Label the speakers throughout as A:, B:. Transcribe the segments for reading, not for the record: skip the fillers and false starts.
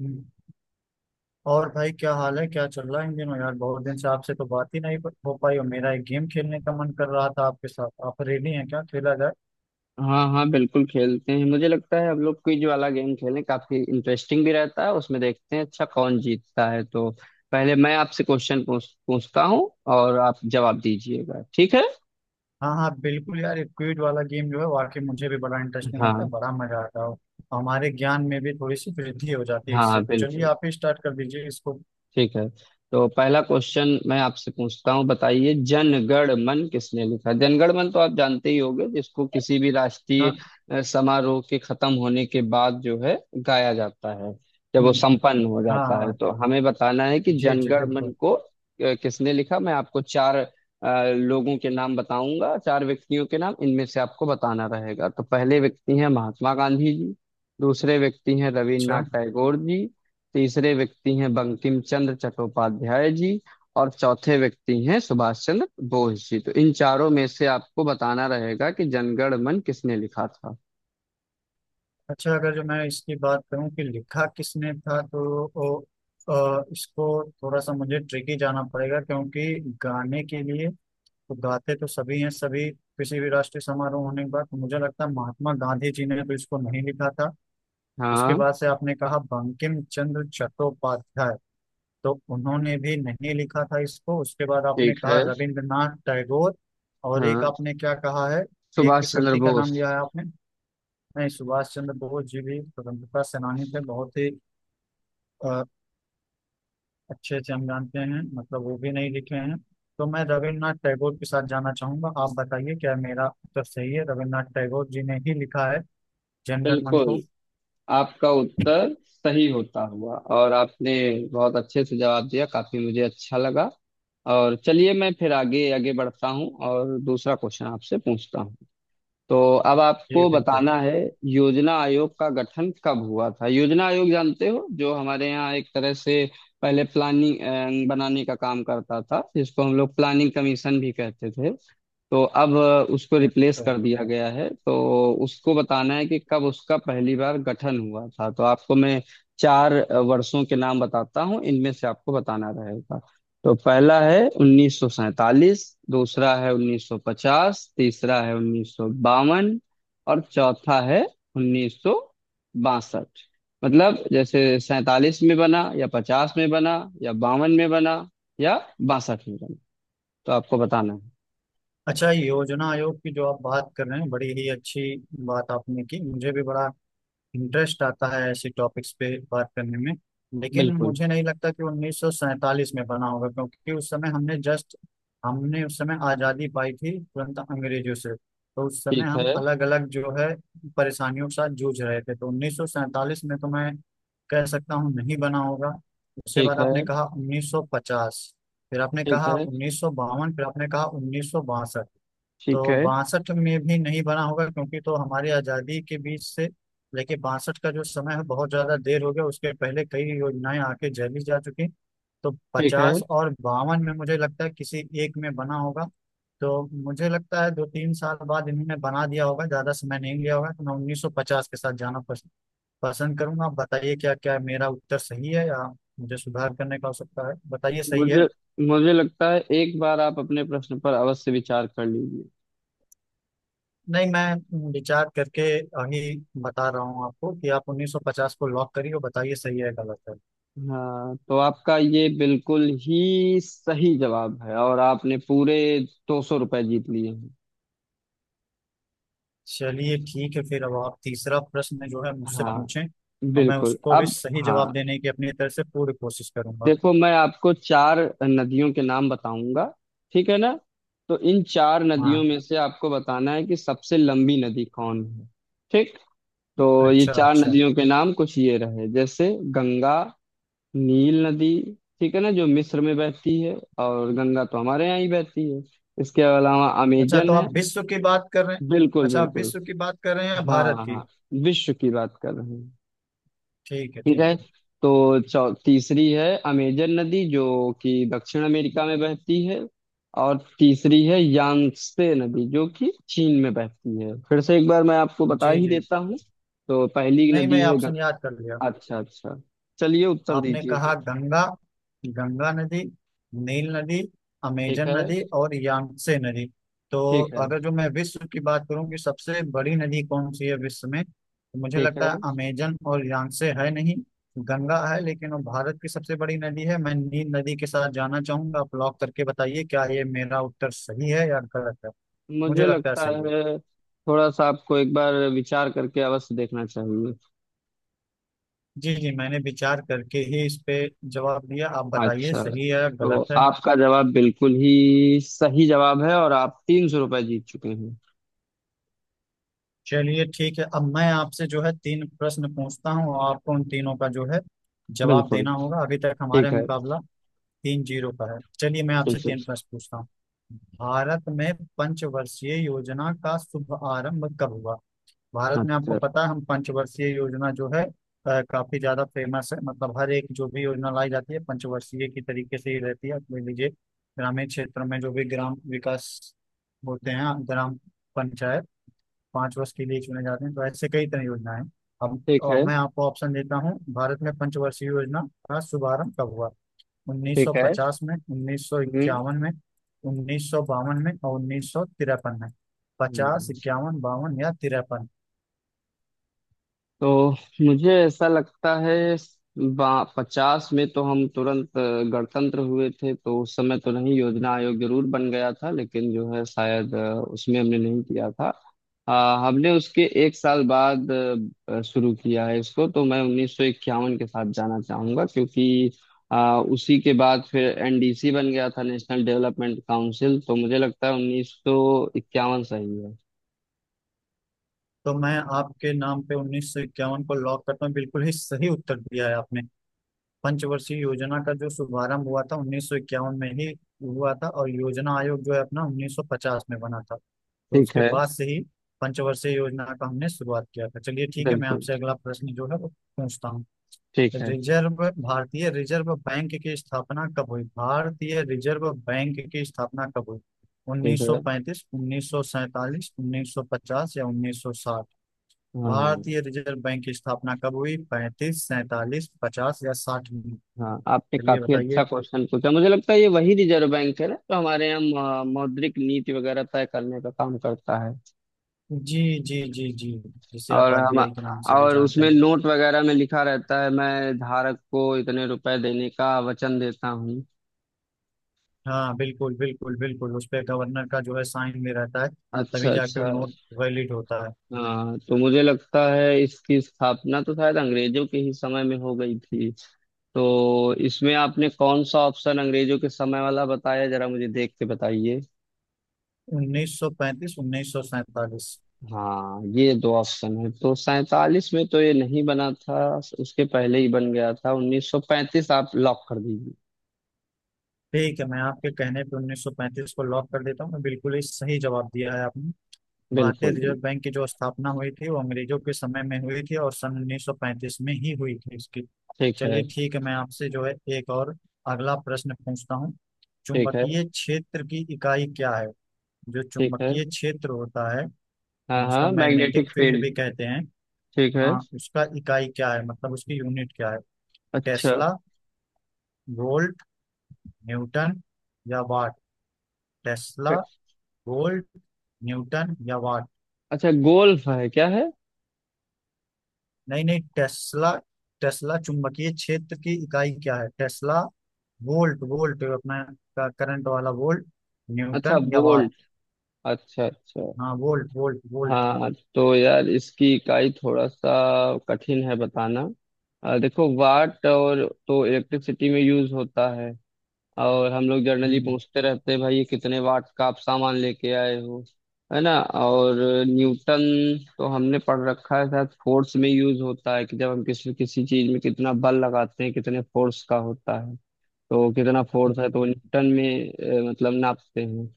A: हम्म। और भाई क्या हाल है, क्या चल रहा है इन दिनों यार। बहुत दिन से आपसे तो बात ही नहीं हो पाई, और मेरा एक गेम खेलने का मन कर रहा था आपके साथ। आप रेडी हैं? क्या खेला जाए?
B: हाँ हाँ, बिल्कुल खेलते हैं। मुझे लगता है हम लोग क्विज वाला गेम खेलें, काफी इंटरेस्टिंग भी रहता है उसमें। देखते हैं अच्छा कौन जीतता है। तो पहले मैं आपसे क्वेश्चन पूछता हूँ और आप जवाब दीजिएगा। ठीक है?
A: हाँ हाँ बिल्कुल यार, एक क्विज वाला गेम जो है वाकई मुझे भी बड़ा इंटरेस्टिंग लगता है,
B: हाँ
A: बड़ा मजा आता है। हमारे ज्ञान में भी थोड़ी सी वृद्धि हो जाती है
B: हाँ,
A: इससे। तो चलिए
B: बिल्कुल।
A: आप ही स्टार्ट कर दीजिए इसको।
B: ठीक है। तो पहला क्वेश्चन मैं आपसे पूछता हूँ। बताइए जनगण मन किसने लिखा? जनगण मन तो आप जानते ही होंगे, जिसको किसी भी राष्ट्रीय
A: हाँ,
B: समारोह के खत्म होने के बाद जो है गाया जाता है, जब वो
A: हम्म,
B: संपन्न हो
A: हाँ
B: जाता है।
A: हाँ,
B: तो हमें बताना है कि
A: जी जी
B: जनगण मन
A: बिल्कुल।
B: को किसने लिखा। मैं आपको चार लोगों के नाम बताऊंगा, चार व्यक्तियों के नाम। इनमें से आपको बताना रहेगा। तो पहले व्यक्ति हैं महात्मा गांधी जी। दूसरे व्यक्ति हैं रविन्द्रनाथ
A: अच्छा
B: टैगोर जी। तीसरे व्यक्ति हैं बंकिम चंद्र चट्टोपाध्याय जी। और चौथे व्यक्ति हैं सुभाष चंद्र बोस जी। तो इन चारों में से आपको बताना रहेगा कि जनगण मन किसने लिखा था।
A: अच्छा, अगर जो मैं इसकी बात करूं कि लिखा किसने था तो ओ, इसको थोड़ा सा मुझे ट्रिकी जाना पड़ेगा, क्योंकि गाने के लिए तो गाते तो सभी हैं, सभी किसी भी राष्ट्रीय समारोह होने के बाद। तो मुझे लगता है महात्मा गांधी जी ने तो इसको नहीं लिखा था। उसके
B: हाँ।
A: बाद से आपने कहा बंकिम चंद्र चट्टोपाध्याय, तो उन्होंने भी नहीं लिखा था इसको। उसके बाद आपने
B: ठीक
A: कहा
B: है।
A: रविंद्रनाथ टैगोर, और एक
B: हाँ।
A: आपने क्या कहा है, एक
B: सुभाष
A: किस
B: चंद्र
A: व्यक्ति का
B: बोस।
A: नाम लिया है आपने? नहीं, सुभाष चंद्र बोस जी भी स्वतंत्रता सेनानी थे, बहुत ही अ, अच्छे से हम जानते हैं, मतलब वो भी नहीं लिखे हैं। तो मैं रविन्द्रनाथ टैगोर के साथ जाना चाहूंगा। आप बताइए, क्या मेरा उत्तर सही है? रविन्द्रनाथ टैगोर जी ने ही लिखा है जनगण मन को?
B: बिल्कुल, आपका उत्तर सही होता हुआ। और आपने बहुत अच्छे से जवाब दिया, काफी मुझे अच्छा लगा। और चलिए मैं फिर आगे आगे बढ़ता हूँ और दूसरा क्वेश्चन आपसे पूछता हूँ। तो अब
A: जी
B: आपको
A: बिल्कुल।
B: बताना है, योजना आयोग का गठन कब हुआ था? योजना आयोग जानते हो, जो हमारे यहाँ एक तरह से पहले प्लानिंग बनाने का काम करता था, जिसको हम लोग प्लानिंग कमीशन भी कहते थे। तो अब उसको रिप्लेस
A: अच्छा
B: कर दिया गया है। तो उसको बताना है कि कब उसका पहली बार गठन हुआ था। तो आपको मैं चार वर्षों के नाम बताता हूँ, इनमें से आपको बताना रहेगा। तो पहला है 1947, दूसरा है 1950, तीसरा है 1952 और चौथा है 1962। मतलब जैसे 47 में बना या 50 में बना या 52 में बना या 62 में बना। तो आपको बताना है।
A: अच्छा, योजना आयोग की जो आप बात कर रहे हैं, बड़ी ही अच्छी बात आपने की। मुझे भी बड़ा इंटरेस्ट आता है ऐसे टॉपिक्स पे बात करने में। लेकिन
B: बिल्कुल।
A: मुझे नहीं लगता कि 1947 में बना होगा, क्योंकि उस समय हमने जस्ट, हमने उस समय आज़ादी पाई थी तुरंत अंग्रेजों से, तो उस समय
B: ठीक
A: हम
B: है।
A: अलग अलग जो है परेशानियों के साथ जूझ रहे थे। तो 1947 में तो मैं कह सकता हूँ नहीं बना होगा। उसके
B: ठीक
A: बाद
B: है।
A: आपने कहा 1950, फिर आपने
B: ठीक
A: कहा
B: है।
A: 1952, फिर आपने कहा 1962।
B: ठीक
A: तो
B: है।
A: बासठ में भी नहीं बना होगा क्योंकि तो हमारी आज़ादी के बीच से लेके बासठ का जो समय है बहुत ज़्यादा देर हो गया, उसके पहले कई योजनाएं आके झेली जा चुकी। तो
B: ठीक है।
A: पचास और बावन में मुझे लगता है किसी एक में बना होगा। तो मुझे लगता है दो तीन साल बाद इन्होंने बना दिया होगा, ज़्यादा समय नहीं लिया होगा। तो मैं उन्नीस सौ पचास के साथ जाना पसंद करूंगा। आप बताइए, क्या क्या मेरा उत्तर सही है या मुझे सुधार करने का आवश्यकता है? बताइए सही है।
B: मुझे मुझे लगता है एक बार आप अपने प्रश्न पर अवश्य विचार कर लीजिए।
A: नहीं, मैं विचार करके आगे बता रहा हूँ आपको कि आप 1950 को लॉक करिए, और बताइए सही है या गलत है।
B: हाँ, तो आपका ये बिल्कुल ही सही जवाब है। और आपने पूरे 200 रुपये जीत लिए हैं।
A: चलिए ठीक है, फिर अब आप तीसरा प्रश्न जो है मुझसे
B: हाँ,
A: पूछें, और मैं
B: बिल्कुल।
A: उसको भी
B: अब
A: सही जवाब
B: हाँ,
A: देने की अपनी तरफ से पूरी कोशिश करूंगा।
B: देखो मैं आपको चार नदियों के नाम बताऊंगा। ठीक है ना? तो इन चार नदियों
A: हाँ,
B: में से आपको बताना है कि सबसे लंबी नदी कौन है। ठीक। तो ये
A: अच्छा
B: चार
A: अच्छा।
B: नदियों के नाम कुछ ये रहे, जैसे गंगा, नील नदी, ठीक है ना, जो मिस्र में बहती है। और गंगा तो हमारे यहाँ ही बहती है। इसके अलावा
A: अच्छा, तो
B: अमेजन है।
A: आप विश्व की बात कर रहे हैं?
B: बिल्कुल
A: अच्छा, आप
B: बिल्कुल।
A: विश्व की बात कर रहे हैं या
B: हाँ
A: भारत
B: हाँ
A: की?
B: हाँ, विश्व की बात कर रहे हैं।
A: ठीक है
B: ठीक
A: ठीक
B: है।
A: है।
B: तो चौ तीसरी है अमेजन नदी, जो कि दक्षिण अमेरिका में बहती है। और तीसरी है यांगत्से नदी, जो कि चीन में बहती है। फिर से एक बार मैं आपको बता
A: जी
B: ही
A: जी,
B: देता हूँ। तो पहली
A: नहीं
B: नदी
A: मैं
B: है
A: ऑप्शन
B: गंगा।
A: याद कर लिया।
B: अच्छा अच्छा। चलिए उत्तर
A: आपने
B: दीजिए
A: कहा
B: फिर।
A: गंगा, गंगा नदी, नील नदी,
B: ठीक
A: अमेजन
B: है।
A: नदी और यांगसे नदी। तो
B: ठीक है।
A: अगर जो मैं विश्व की बात करूं कि सबसे बड़ी नदी कौन सी है विश्व में, तो मुझे
B: ठीक है।
A: लगता है अमेजन और यांगसे है, नहीं गंगा है, लेकिन वो भारत की सबसे बड़ी नदी है। मैं नील नदी के साथ जाना चाहूंगा। आप लॉक करके बताइए क्या ये मेरा उत्तर सही है या गलत है। मुझे
B: मुझे
A: लगता है
B: लगता
A: सही है।
B: है थोड़ा सा आपको एक बार विचार करके अवश्य देखना चाहिए।
A: जी जी, मैंने विचार करके ही इस पे जवाब दिया। आप बताइए
B: अच्छा,
A: सही है या
B: तो
A: गलत है।
B: आपका जवाब बिल्कुल ही सही जवाब है और आप 300 रुपये जीत चुके हैं।
A: चलिए ठीक है, अब मैं आपसे जो है तीन प्रश्न पूछता हूँ, और आपको उन तीनों का जो है जवाब
B: बिल्कुल।
A: देना होगा। अभी तक हमारा
B: ठीक है।
A: मुकाबला तीन जीरो का है। चलिए मैं आपसे
B: ठीक है।
A: तीन प्रश्न पूछता हूँ। भारत में पंचवर्षीय योजना का शुभ आरंभ कब हुआ? भारत में आपको
B: अच्छा।
A: पता है हम पंचवर्षीय योजना जो है काफी ज्यादा फेमस है, मतलब हर एक जो भी योजना लाई जाती है पंचवर्षीय की तरीके से ही रहती है। आप ले लीजिए ग्रामीण क्षेत्र में, जो भी ग्राम विकास होते हैं, ग्राम पंचायत पांच वर्ष के लिए चुने जाते हैं। तो ऐसे कई तरह की योजनाएं हैं। अब
B: ठीक
A: और
B: है।
A: मैं आपको ऑप्शन देता हूँ, भारत में पंचवर्षीय योजना का शुभारंभ कब हुआ?
B: ठीक है।
A: 1950 में,
B: हम्म।
A: 1951 में, 1952 में और 1953 में। पचास,
B: हम्म।
A: इक्यावन, बावन या तिरपन?
B: तो मुझे ऐसा लगता है, पचास में तो हम तुरंत गणतंत्र हुए थे, तो उस समय तो नहीं। योजना आयोग जरूर बन गया था, लेकिन जो है शायद उसमें हमने नहीं किया था। अ, हमने उसके एक साल बाद शुरू किया है इसको। तो मैं 1951 के साथ जाना चाहूंगा, क्योंकि अ, उसी के बाद फिर एनडीसी बन गया था, नेशनल डेवलपमेंट काउंसिल। तो मुझे लगता है 1951 सही है।
A: तो मैं आपके नाम पे 1951 को लॉक करता हूँ। बिल्कुल ही सही उत्तर दिया है आपने। पंचवर्षीय योजना का जो शुभारंभ हुआ था 1951 में ही हुआ था, और योजना आयोग जो है अपना 1950 में बना था, तो
B: ठीक
A: उसके
B: है।
A: बाद से ही पंचवर्षीय योजना का हमने शुरुआत किया था। चलिए ठीक है, मैं
B: बिल्कुल।
A: आपसे अगला प्रश्न जो है वो पूछता हूँ।
B: ठीक है।
A: रिजर्व, भारतीय रिजर्व बैंक की स्थापना कब हुई? भारतीय रिजर्व बैंक की स्थापना कब हुई?
B: ठीक है।
A: 1935, 1947, 1950 या 1960?
B: हाँ।
A: भारतीय रिजर्व बैंक की स्थापना कब हुई? 35, सैतालीस, पचास या साठ में?
B: हाँ, आपने
A: चलिए
B: काफी
A: बताइए।
B: अच्छा क्वेश्चन पूछा। मुझे लगता है ये वही रिजर्व बैंक है ना, तो हमारे यहाँ मौद्रिक नीति वगैरह तय करने का काम करता है।
A: जी जी जी जी, जिसे आप
B: और हम,
A: आरबीआई के नाम से भी
B: और
A: जानते
B: उसमें
A: हैं।
B: नोट वगैरह में लिखा रहता है, मैं धारक को इतने रुपए देने का वचन देता हूँ।
A: हाँ बिल्कुल बिल्कुल बिल्कुल, उस पे गवर्नर का जो है साइन भी रहता है,
B: अच्छा
A: तभी जाके
B: अच्छा।
A: नोट वैलिड होता है।
B: हाँ, तो मुझे लगता है इसकी स्थापना तो शायद अंग्रेजों के ही समय में हो गई थी। तो इसमें आपने कौन सा ऑप्शन अंग्रेजों के समय वाला बताया, जरा मुझे देख के बताइए।
A: 1935, 1947।
B: हाँ, ये दो ऑप्शन है। तो सैतालीस में तो ये नहीं बना था, उसके पहले ही बन गया था। 1935 आप लॉक कर दीजिए।
A: ठीक है, मैं आपके कहने पे 1935 को लॉक कर देता हूँ। मैं बिल्कुल ही सही जवाब दिया है आपने। भारतीय
B: बिल्कुल बिल्कुल।
A: रिजर्व बैंक की जो स्थापना हुई थी वो अंग्रेजों के समय में हुई थी, और सन 1935 में ही हुई थी इसकी।
B: ठीक है।
A: चलिए ठीक है, मैं आपसे जो है एक और अगला प्रश्न पूछता हूँ।
B: ठीक है।
A: चुंबकीय क्षेत्र की इकाई क्या है? जो
B: ठीक है।
A: चुंबकीय क्षेत्र होता है,
B: हाँ
A: जिसको
B: हाँ,
A: मैग्नेटिक
B: मैग्नेटिक
A: फील्ड
B: फील्ड।
A: भी कहते हैं,
B: ठीक है।
A: हाँ उसका इकाई क्या है, मतलब उसकी यूनिट क्या है?
B: अच्छा,
A: टेस्ला, वोल्ट, न्यूटन या वाट? टेस्ला, वोल्ट, न्यूटन या वाट?
B: अच्छा गोल्फ है क्या है?
A: नहीं नहीं, टेस्ला, टेस्ला। चुंबकीय क्षेत्र की इकाई क्या है? टेस्ला, वोल्ट, वोल्ट अपना करंट वाला वोल्ट,
B: अच्छा
A: न्यूटन या वाट?
B: बोल्ट, अच्छा अच्छा।
A: हाँ वोल्ट वोल्ट वोल्ट।
B: हाँ तो यार, इसकी इकाई थोड़ा सा कठिन है बताना। देखो वाट और तो इलेक्ट्रिसिटी में यूज होता है, और हम लोग जर्नली
A: हम्म,
B: पूछते रहते हैं, भाई ये कितने वाट का आप सामान लेके आए हो। है ना? और न्यूटन तो हमने पढ़ रखा है, शायद फोर्स में यूज होता है कि जब हम किसी किसी चीज में कितना बल लगाते हैं, कितने फोर्स का होता है। तो कितना फोर्स है
A: हम्म।
B: तो न्यूटन में मतलब नापते हैं।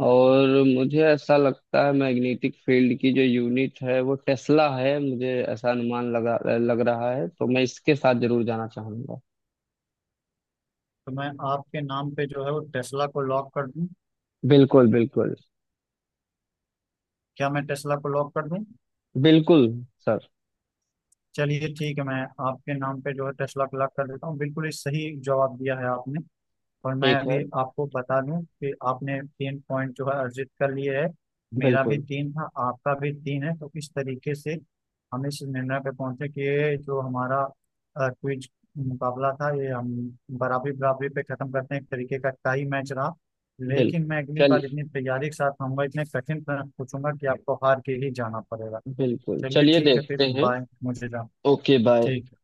B: और मुझे ऐसा लगता है मैग्नेटिक फील्ड की जो यूनिट है वो टेस्ला है। मुझे ऐसा अनुमान लगा लग रहा है। तो मैं इसके साथ जरूर जाना चाहूंगा।
A: तो मैं आपके नाम पे जो है वो टेस्ला को लॉक कर दूं?
B: बिल्कुल बिल्कुल।
A: क्या मैं टेस्ला को लॉक कर दूं?
B: बिल्कुल सर।
A: चलिए ठीक है, मैं आपके नाम पे जो है दस लाख लाख कर देता हूँ। बिल्कुल ही सही जवाब दिया है आपने। और मैं
B: ठीक
A: अभी
B: है।
A: आपको बता दूं कि आपने तीन पॉइंट जो है अर्जित कर लिए है। मेरा भी
B: बिल्कुल
A: तीन था, आपका भी तीन है, तो इस तरीके से हम इस निर्णय पे पहुंचे कि ये जो हमारा क्विज मुकाबला था ये हम बराबरी बराबरी पे खत्म करते हैं, एक तरीके का टाई मैच रहा। लेकिन
B: बिल्कुल
A: मैं अगली
B: चल
A: बार इतनी तैयारी के साथ आऊंगा, इतने कठिन प्रश्न पूछूंगा कि आपको हार के ही जाना पड़ेगा।
B: बिल्कुल
A: चलिए
B: चलिए
A: ठीक है फिर,
B: देखते हैं।
A: बाय, मुझे जाना।
B: Okay bye.
A: ठीक है।